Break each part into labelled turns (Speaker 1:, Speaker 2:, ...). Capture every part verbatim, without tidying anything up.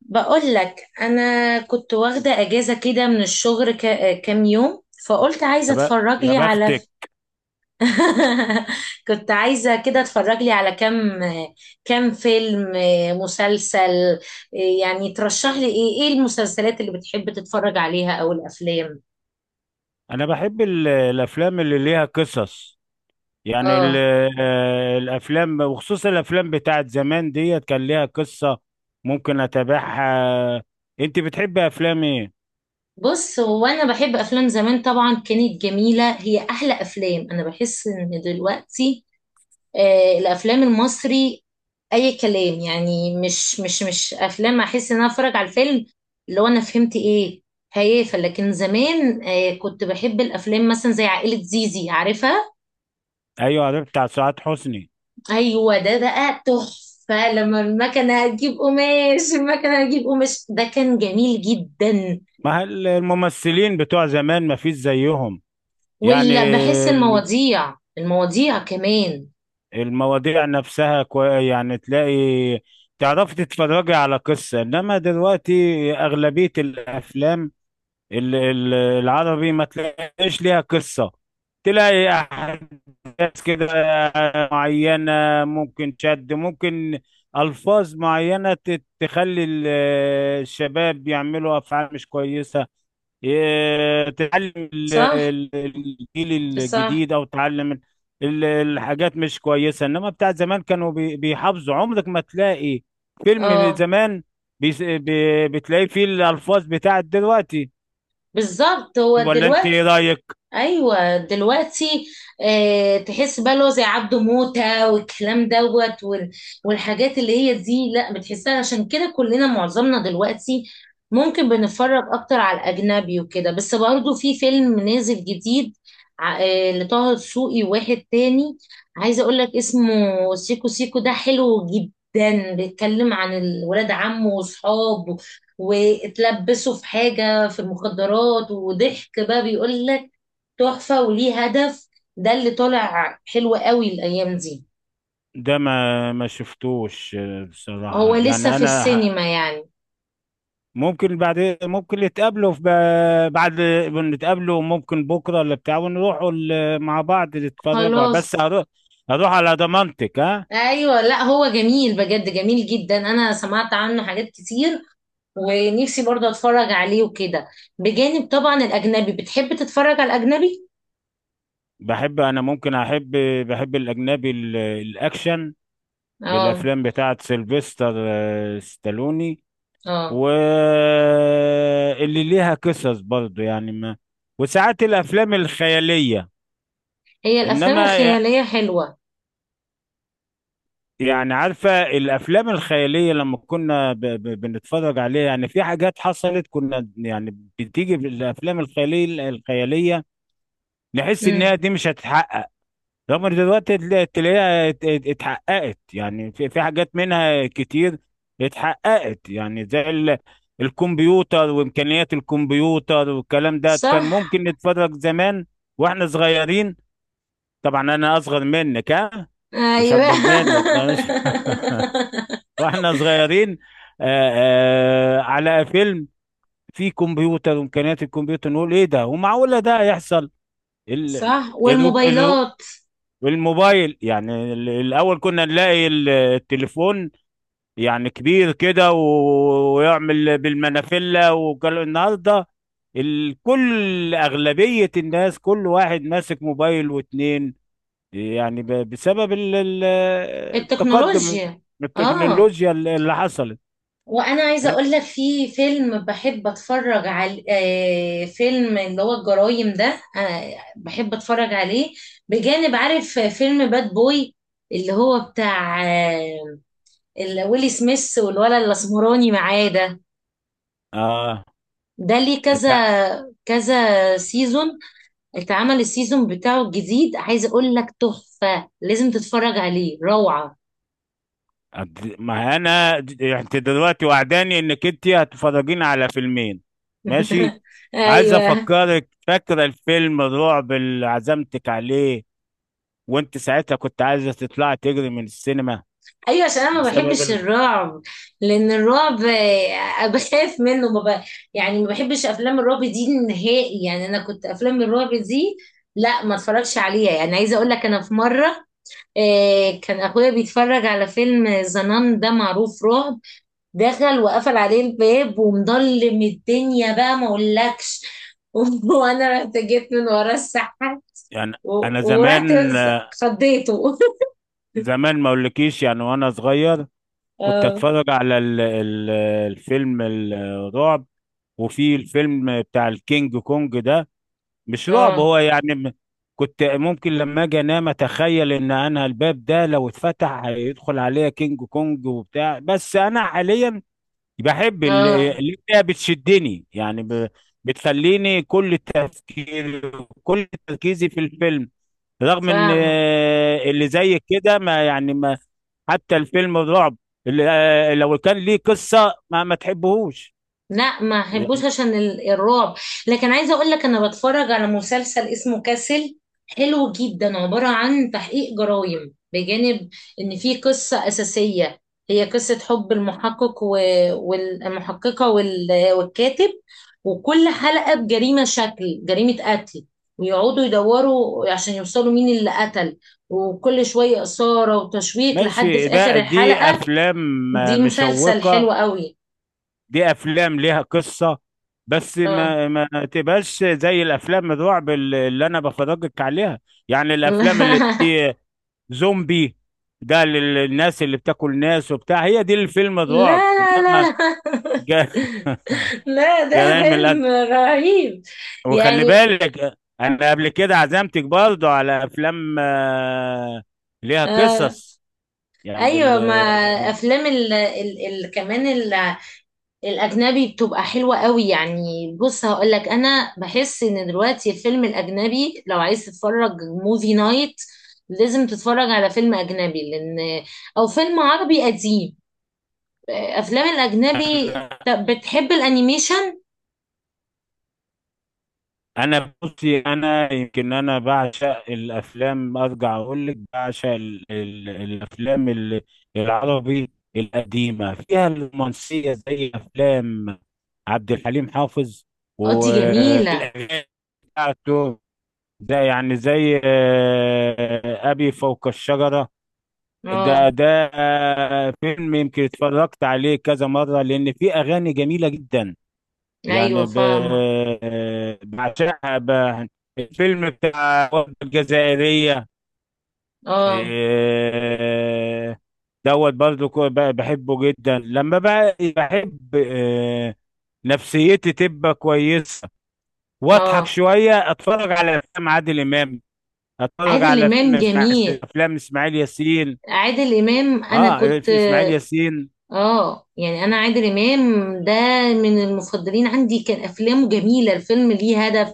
Speaker 1: بقول لك، انا كنت واخده اجازه كده من الشغل ك- كام يوم، فقلت عايزه
Speaker 2: يا ب...
Speaker 1: اتفرج
Speaker 2: يا
Speaker 1: لي على ف...
Speaker 2: بختك.
Speaker 1: كنت عايزه كده اتفرج لي على كام كام فيلم، مسلسل. يعني ترشح لي ايه ايه المسلسلات اللي بتحب تتفرج عليها او الافلام؟
Speaker 2: انا بحب ال- الافلام اللي ليها قصص. يعني ال...
Speaker 1: اه.
Speaker 2: آه، الافلام وخصوصا الافلام بتاعت زمان ديت كان ليها قصة، ممكن اتابعها. انت بتحبي افلام ايه؟
Speaker 1: بص، هو انا بحب افلام زمان طبعا، كانت جميله، هي احلى افلام. انا بحس ان دلوقتي آه، الافلام المصري اي كلام، يعني مش مش مش افلام. احس ان انا اتفرج على الفيلم اللي هو انا فهمت ايه؟ هيافه. لكن زمان آه، كنت بحب الافلام مثلا زي عائله زيزي، عارفها؟
Speaker 2: ايوه، ده بتاع سعاد حسني.
Speaker 1: ايوه، ده بقى تحفه. لما المكنه هتجيب قماش، المكنه هتجيب قماش، ده كان جميل جدا.
Speaker 2: ما هل- الممثلين بتوع زمان ما فيش زيهم. يعني
Speaker 1: ولا بحس
Speaker 2: ال-
Speaker 1: المواضيع، المواضيع كمان.
Speaker 2: المواضيع نفسها كوي... يعني تلاقي، تعرفي تتفرجي على قصة. انما دلوقتي اغلبية الافلام ال- ال- العربي ما تلاقيش ليها قصة. تلاقي أحداث كده معينة، ممكن شد ممكن ألفاظ معينة ت- تخلي ال- الشباب يعملوا أفعال مش كويسة، ي- تعلم ال-
Speaker 1: صح،
Speaker 2: ال- الجيل
Speaker 1: صح.
Speaker 2: الجديد، أو تعلم ال- ال- الحاجات مش كويسة. إنما بتاع زمان كانوا بي- بيحافظوا، عمرك ما تلاقي فيلم
Speaker 1: اه،
Speaker 2: زمان بيس- بي- بتلاقيه فيه الألفاظ بتاعت دلوقتي،
Speaker 1: بالظبط. هو
Speaker 2: ولا انت
Speaker 1: دلوقتي
Speaker 2: ايه رايك؟
Speaker 1: ايوه دلوقتي، آه، تحس بقى اللي هو زي عبده موته والكلام دوت وال- والحاجات اللي هي دي، لا بتحسها. عشان كده كلنا، معظمنا دلوقتي، ممكن بنتفرج اكتر على الاجنبي وكده. بس برضه في فيلم نازل جديد، ع- آه لطه دسوقي، واحد تاني عايزه اقول لك اسمه، سيكو سيكو. ده حلو جدا، بيتكلم عن الولاد عمه واصحابه واتلبسوا في حاجه في المخدرات، وضحك بقى، بيقول لك تحفة وليه هدف. ده اللي طالع حلو قوي الأيام دي.
Speaker 2: ده ما ما شفتوش. آه،
Speaker 1: هو
Speaker 2: بصراحه،
Speaker 1: لسه
Speaker 2: يعني
Speaker 1: في
Speaker 2: انا ه-
Speaker 1: السينما يعني.
Speaker 2: ممكن بعد ممكن نتقابلوا في ب- بعد، نتقابلوا ممكن بكره ولا بتاع، ونروحوا ال- مع بعض نتفرجوا. بس
Speaker 1: خلاص.
Speaker 2: هروح، هروح على ضمانتك ها.
Speaker 1: أيوة، لا هو جميل بجد، جميل جدا، أنا سمعت عنه حاجات كتير ونفسي برضه أتفرج عليه وكده، بجانب طبعا الأجنبي. بتحب تتفرج على الأجنبي؟
Speaker 2: بحب انا ممكن احب بحب الاجنبي، ال- الاكشن،
Speaker 1: اه.
Speaker 2: بالافلام بتاعه سيلفستر آه، ستالوني،
Speaker 1: اه.
Speaker 2: واللي ليها قصص برضو، يعني ما. وساعات الافلام الخياليه،
Speaker 1: هي الأفلام
Speaker 2: انما
Speaker 1: الخيالية حلوة.
Speaker 2: يعني عارفة الأفلام الخيالية. لما كنا ب... ب... بنتفرج عليها، يعني في حاجات حصلت. كنا يعني بتيجي في الأفلام الخيالية الخيالية نحس إنها
Speaker 1: امم
Speaker 2: دي مش هتتحقق. رغم إن دلوقتي تلا- تلاقيها ات- ات- اتحققت. يعني في في حاجات منها كتير اتحققت. يعني زي ال... الكمبيوتر وإمكانيات الكمبيوتر والكلام ده، كان
Speaker 1: صح.
Speaker 2: ممكن نتفرج زمان وإحنا صغيرين. طبعا أنا أصغر منك ها، مش
Speaker 1: أيوة.
Speaker 2: أكبر منك. واحنا صغيرين آآ آآ على فيلم فيه كمبيوتر وامكانيات الكمبيوتر، نقول ايه ده ومعقوله ده يحصل؟ ال...
Speaker 1: صح.
Speaker 2: ال... ال...
Speaker 1: والموبايلات.
Speaker 2: الموبايل. يعني ال- الاول كنا نلاقي ال- التليفون، يعني كبير كده، و- ويعمل بالمنافله. وكل النهارده ال- كل اغلبيه الناس، كل واحد ماسك موبايل واتنين، يعني ب- بسبب ال- ال- التقدم،
Speaker 1: التكنولوجيا. اه.
Speaker 2: التكنولوجيا اللي حصلت.
Speaker 1: وانا عايزه اقول لك في فيلم بحب اتفرج على آه، فيلم اللي هو الجرايم ده، آه، بحب اتفرج عليه بجانب. عارف فيلم باد بوي اللي هو بتاع آه، اللي ويلي سميث والولد الاسمراني معاه ده؟
Speaker 2: اه.
Speaker 1: ده ليه كذا
Speaker 2: انت
Speaker 1: كذا سيزون، اتعمل السيزون بتاعه الجديد. عايزه اقول لك تحفه، لازم تتفرج عليه، روعه.
Speaker 2: أنت- ما انا د- انت دلوقتي وعداني انك انت هتفرجيني على فيلمين، ماشي؟ عايز
Speaker 1: ايوه.
Speaker 2: افكرك، فاكره الفيلم الرعب اللي عزمتك عليه، وانت ساعتها كنت عايزه تطلعي تجري من السينما؟
Speaker 1: ايوه، عشان انا ما
Speaker 2: بسبب
Speaker 1: بحبش
Speaker 2: ال...
Speaker 1: الرعب. لان الرعب آه، بخاف منه. ما ب... يعني ما بحبش افلام الرعب دي نهائي. يعني انا كنت افلام الرعب دي لا ما اتفرجش عليها. يعني عايزه اقول لك، انا في مره آه، كان اخويا بيتفرج على فيلم زنان، ده معروف رعب، دخل وقفل عليه الباب ومضلم الدنيا، بقى ما اقولكش. وانا رحت جيت من ورا السحاب
Speaker 2: يعني انا
Speaker 1: و- ورحت
Speaker 2: زمان، آه،
Speaker 1: خضيته.
Speaker 2: زمان ما اقولكيش، يعني وانا صغير كنت
Speaker 1: اه.
Speaker 2: اتفرج على ال... ال... الفيلم الرعب. وفي الفيلم بتاع الكينج كونج ده، مش رعب
Speaker 1: اه.
Speaker 2: هو يعني م- كنت ممكن لما اجي انام اتخيل ان انا الباب ده لو اتفتح هيدخل عليا كينج كونج وبتاع. بس انا حاليا بحب ال-
Speaker 1: اه،
Speaker 2: اللي هي بتشدني، يعني ب- بتخليني كل تفكير، كل تركيزي في الفيلم. رغم ان
Speaker 1: فاهمه.
Speaker 2: آه، اللي زي كده ما يعني ما حتى الفيلم الرعب اللي آه، لو كان ليه قصة ما ما تحبهوش،
Speaker 1: لا ما احبوش
Speaker 2: يعني.
Speaker 1: عشان ال- الرعب. لكن عايزه اقول لك، انا بتفرج على مسلسل اسمه كاسل، حلو جدا، عباره عن تحقيق جرائم، بجانب ان في قصه اساسيه، هي قصه حب، المحقق و- والمحققه وال- والكاتب. وكل حلقه بجريمه، شكل جريمه قتل، ويقعدوا يدوروا عشان يوصلوا مين اللي قتل، وكل شويه اثاره وتشويق
Speaker 2: ماشي،
Speaker 1: لحد في
Speaker 2: ده
Speaker 1: اخر
Speaker 2: دي
Speaker 1: الحلقه.
Speaker 2: افلام آه،
Speaker 1: دي مسلسل
Speaker 2: مشوقة،
Speaker 1: حلو قوي.
Speaker 2: دي افلام ليها قصة. بس
Speaker 1: اه.
Speaker 2: ما ما تبقاش زي الافلام الرعب اللي اللي انا بفرجك عليها، يعني الافلام اللي دي، زومبي، ده لل- للناس اللي بتاكل ناس وبتاع. هي دي الفيلم الرعب،
Speaker 1: لا لا
Speaker 2: انما
Speaker 1: لا لا
Speaker 2: ج-
Speaker 1: لا، ده
Speaker 2: جرائم القتل.
Speaker 1: فيلم رهيب
Speaker 2: وخلي
Speaker 1: يعني.
Speaker 2: بالك، انا قبل كده عزمتك برضو على افلام آه، ليها
Speaker 1: آه.
Speaker 2: قصص، يعني ال-
Speaker 1: ايوه. ما افلام ال ال ال كمان، ال الاجنبي بتبقى حلوه قوي. يعني بص هقول لك، انا بحس ان دلوقتي الفيلم الاجنبي لو عايز تتفرج موفي نايت، لازم تتفرج على فيلم اجنبي، لان، او فيلم عربي قديم. آه، افلام الاجنبي. طب بتحب الانيميشن؟
Speaker 2: انا بصي، انا يمكن انا بعشق الافلام. ارجع اقول لك بعشق ال ال الافلام ال- العربي القديمه فيها الرومانسيه، زي افلام عبد الحليم حافظ
Speaker 1: اه دي جميله.
Speaker 2: والاغاني بتاعته. ده يعني زي آه، ابي فوق الشجره، ده
Speaker 1: اه.
Speaker 2: ده آه، فيلم يمكن اتفرجت عليه كذا مره لان فيه اغاني جميله جدا.
Speaker 1: ايوه
Speaker 2: يعني ب...
Speaker 1: فاهمه.
Speaker 2: بعشقها. ب... الفيلم بتاع الوردة الجزائرية،
Speaker 1: اه.
Speaker 2: إيه، دوت برضو، كو- ب- بحبه جدا. لما بقى بحب، إيه، نفسيتي تبقى كويسة واضحك
Speaker 1: اه.
Speaker 2: شوية، اتفرج على افلام عادل امام، اتفرج
Speaker 1: عادل
Speaker 2: على فيلم
Speaker 1: امام جميل.
Speaker 2: اسماعيل، افلام اسماعيل ياسين.
Speaker 1: عادل امام، انا
Speaker 2: اه،
Speaker 1: كنت.
Speaker 2: اسماعيل ياسين.
Speaker 1: اه. يعني انا عادل امام ده من المفضلين عندي. كان افلامه جميله، الفيلم ليه هدف،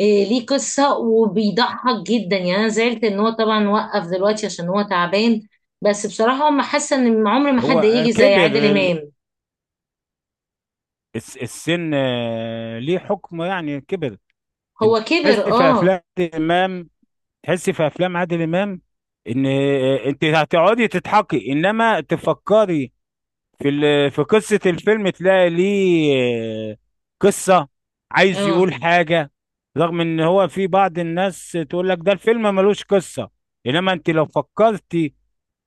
Speaker 1: إيه ليه قصه وبيضحك جدا. يعني انا زعلت ان هو طبعا وقف دلوقتي عشان هو تعبان. بس بصراحه هم حاسه ان عمر ما حد
Speaker 2: هو
Speaker 1: يجي زي
Speaker 2: كبر
Speaker 1: عادل
Speaker 2: ال-
Speaker 1: امام.
Speaker 2: الس- السن، آه، ليه حكم، يعني كبر.
Speaker 1: هو
Speaker 2: انت
Speaker 1: كبر،
Speaker 2: تحس في
Speaker 1: اه.
Speaker 2: افلام عادل امام، تحس في افلام عادل امام ان آه، انت هتقعدي تضحكي انما تفكري في ال- في قصه الفيلم، تلاقي ليه آه، قصه، عايز
Speaker 1: اه.
Speaker 2: يقول حاجه. رغم ان هو في بعض الناس تقول لك ده الفيلم ملوش قصه، انما انت لو فكرتي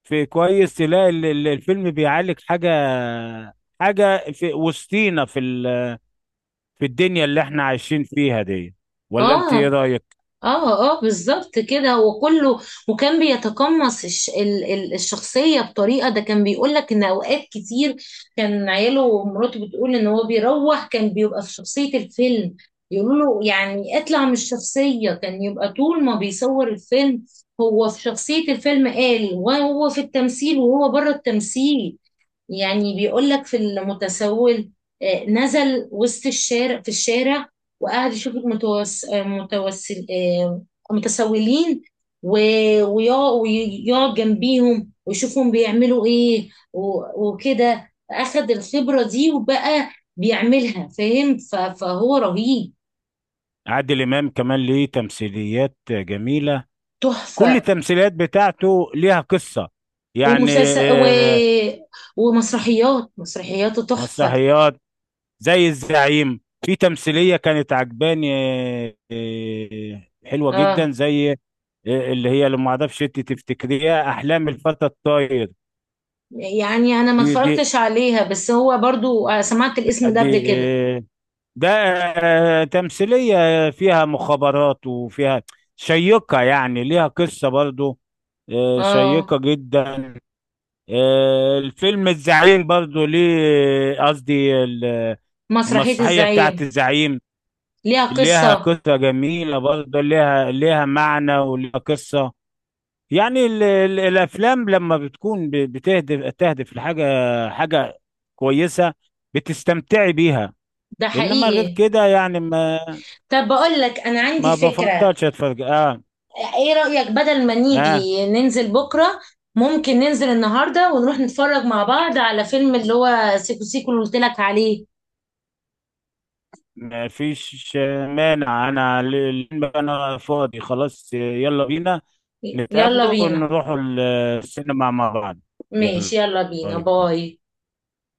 Speaker 2: في كويس تلاقي ال- ال- الفيلم بيعالج حاجه، حاجه في وسطينا، في ال- في الدنيا اللي احنا عايشين فيها دي، ولا انت ايه
Speaker 1: اه.
Speaker 2: رايك؟
Speaker 1: اه. اه، بالظبط كده وكله. وكان بيتقمص الش ال ال الشخصية بطريقة. ده كان بيقول لك ان اوقات كتير، كان عياله ومراته بتقول ان هو بيروح كان بيبقى في شخصية الفيلم، يقولوا له يعني اطلع من الشخصية. كان يبقى طول ما بيصور الفيلم هو في شخصية الفيلم، قال وهو في التمثيل وهو بره التمثيل. يعني بيقول لك في المتسول آه، نزل وسط الشارع، في الشارع، وقعد يشوف المتوس... آه، متوسل آه، متسولين، و- ويقع- ويقعد جنبيهم ويشوفهم بيعملوا ايه و- وكده، اخد الخبرة دي وبقى بيعملها، فاهم؟ ف- فهو رهيب.
Speaker 2: عادل إمام كمان ليه تمثيليات جميلة، كل
Speaker 1: تحفة.
Speaker 2: التمثيليات بتاعته ليها قصة، يعني.
Speaker 1: ومسلسل و...
Speaker 2: آه،
Speaker 1: ومسرحيات، مسرحياته تحفة.
Speaker 2: مسرحيات زي الزعيم، في تمثيلية كانت عجباني، آه، آه، حلوة جدا.
Speaker 1: اه.
Speaker 2: زي آه، اللي هي، لما اعرفش انت تفتكريها أحلام الفتى الطاير.
Speaker 1: يعني انا ما
Speaker 2: دي دي
Speaker 1: اتفرجتش عليها، بس هو برضو آه، سمعت الاسم ده قبل
Speaker 2: دي
Speaker 1: كده.
Speaker 2: آه، ده آه، تمثيلية فيها مخابرات وفيها شيقة، يعني ليها قصة برضو، آه،
Speaker 1: اه.
Speaker 2: شيقة جدا. آه، الفيلم الزعيم برضو ليه، قصدي ال-
Speaker 1: مسرحية
Speaker 2: المسرحية بتاعت
Speaker 1: الزعيم
Speaker 2: الزعيم
Speaker 1: ليها
Speaker 2: ليها
Speaker 1: قصة.
Speaker 2: قصة جميلة برضو، ليها ليها معنى وليها قصة. يعني ال ال الأفلام لما بتكون ب- بتهدف، تهدف لحاجة، حاجة كويسة، بتستمتعي بيها.
Speaker 1: ده
Speaker 2: إنما غير
Speaker 1: حقيقي.
Speaker 2: كده، يعني ما،
Speaker 1: طب بقول لك انا عندي
Speaker 2: ما
Speaker 1: فكرة.
Speaker 2: بفضلش أتفرج. آه.
Speaker 1: ايه رأيك بدل ما
Speaker 2: آه.
Speaker 1: نيجي ننزل بكرة، ممكن ننزل النهاردة ونروح نتفرج مع بعض على فيلم اللي هو سيكو سيكو اللي قلت لك عليه.
Speaker 2: ما فيش مانع، أنا ال- ال- أنا فاضي خلاص، يلا بينا
Speaker 1: يلا
Speaker 2: نتقابلوا
Speaker 1: بينا.
Speaker 2: ونروحوا السينما مع بعض.
Speaker 1: ماشي،
Speaker 2: يلا.
Speaker 1: يلا بينا،
Speaker 2: باي باي.
Speaker 1: باي.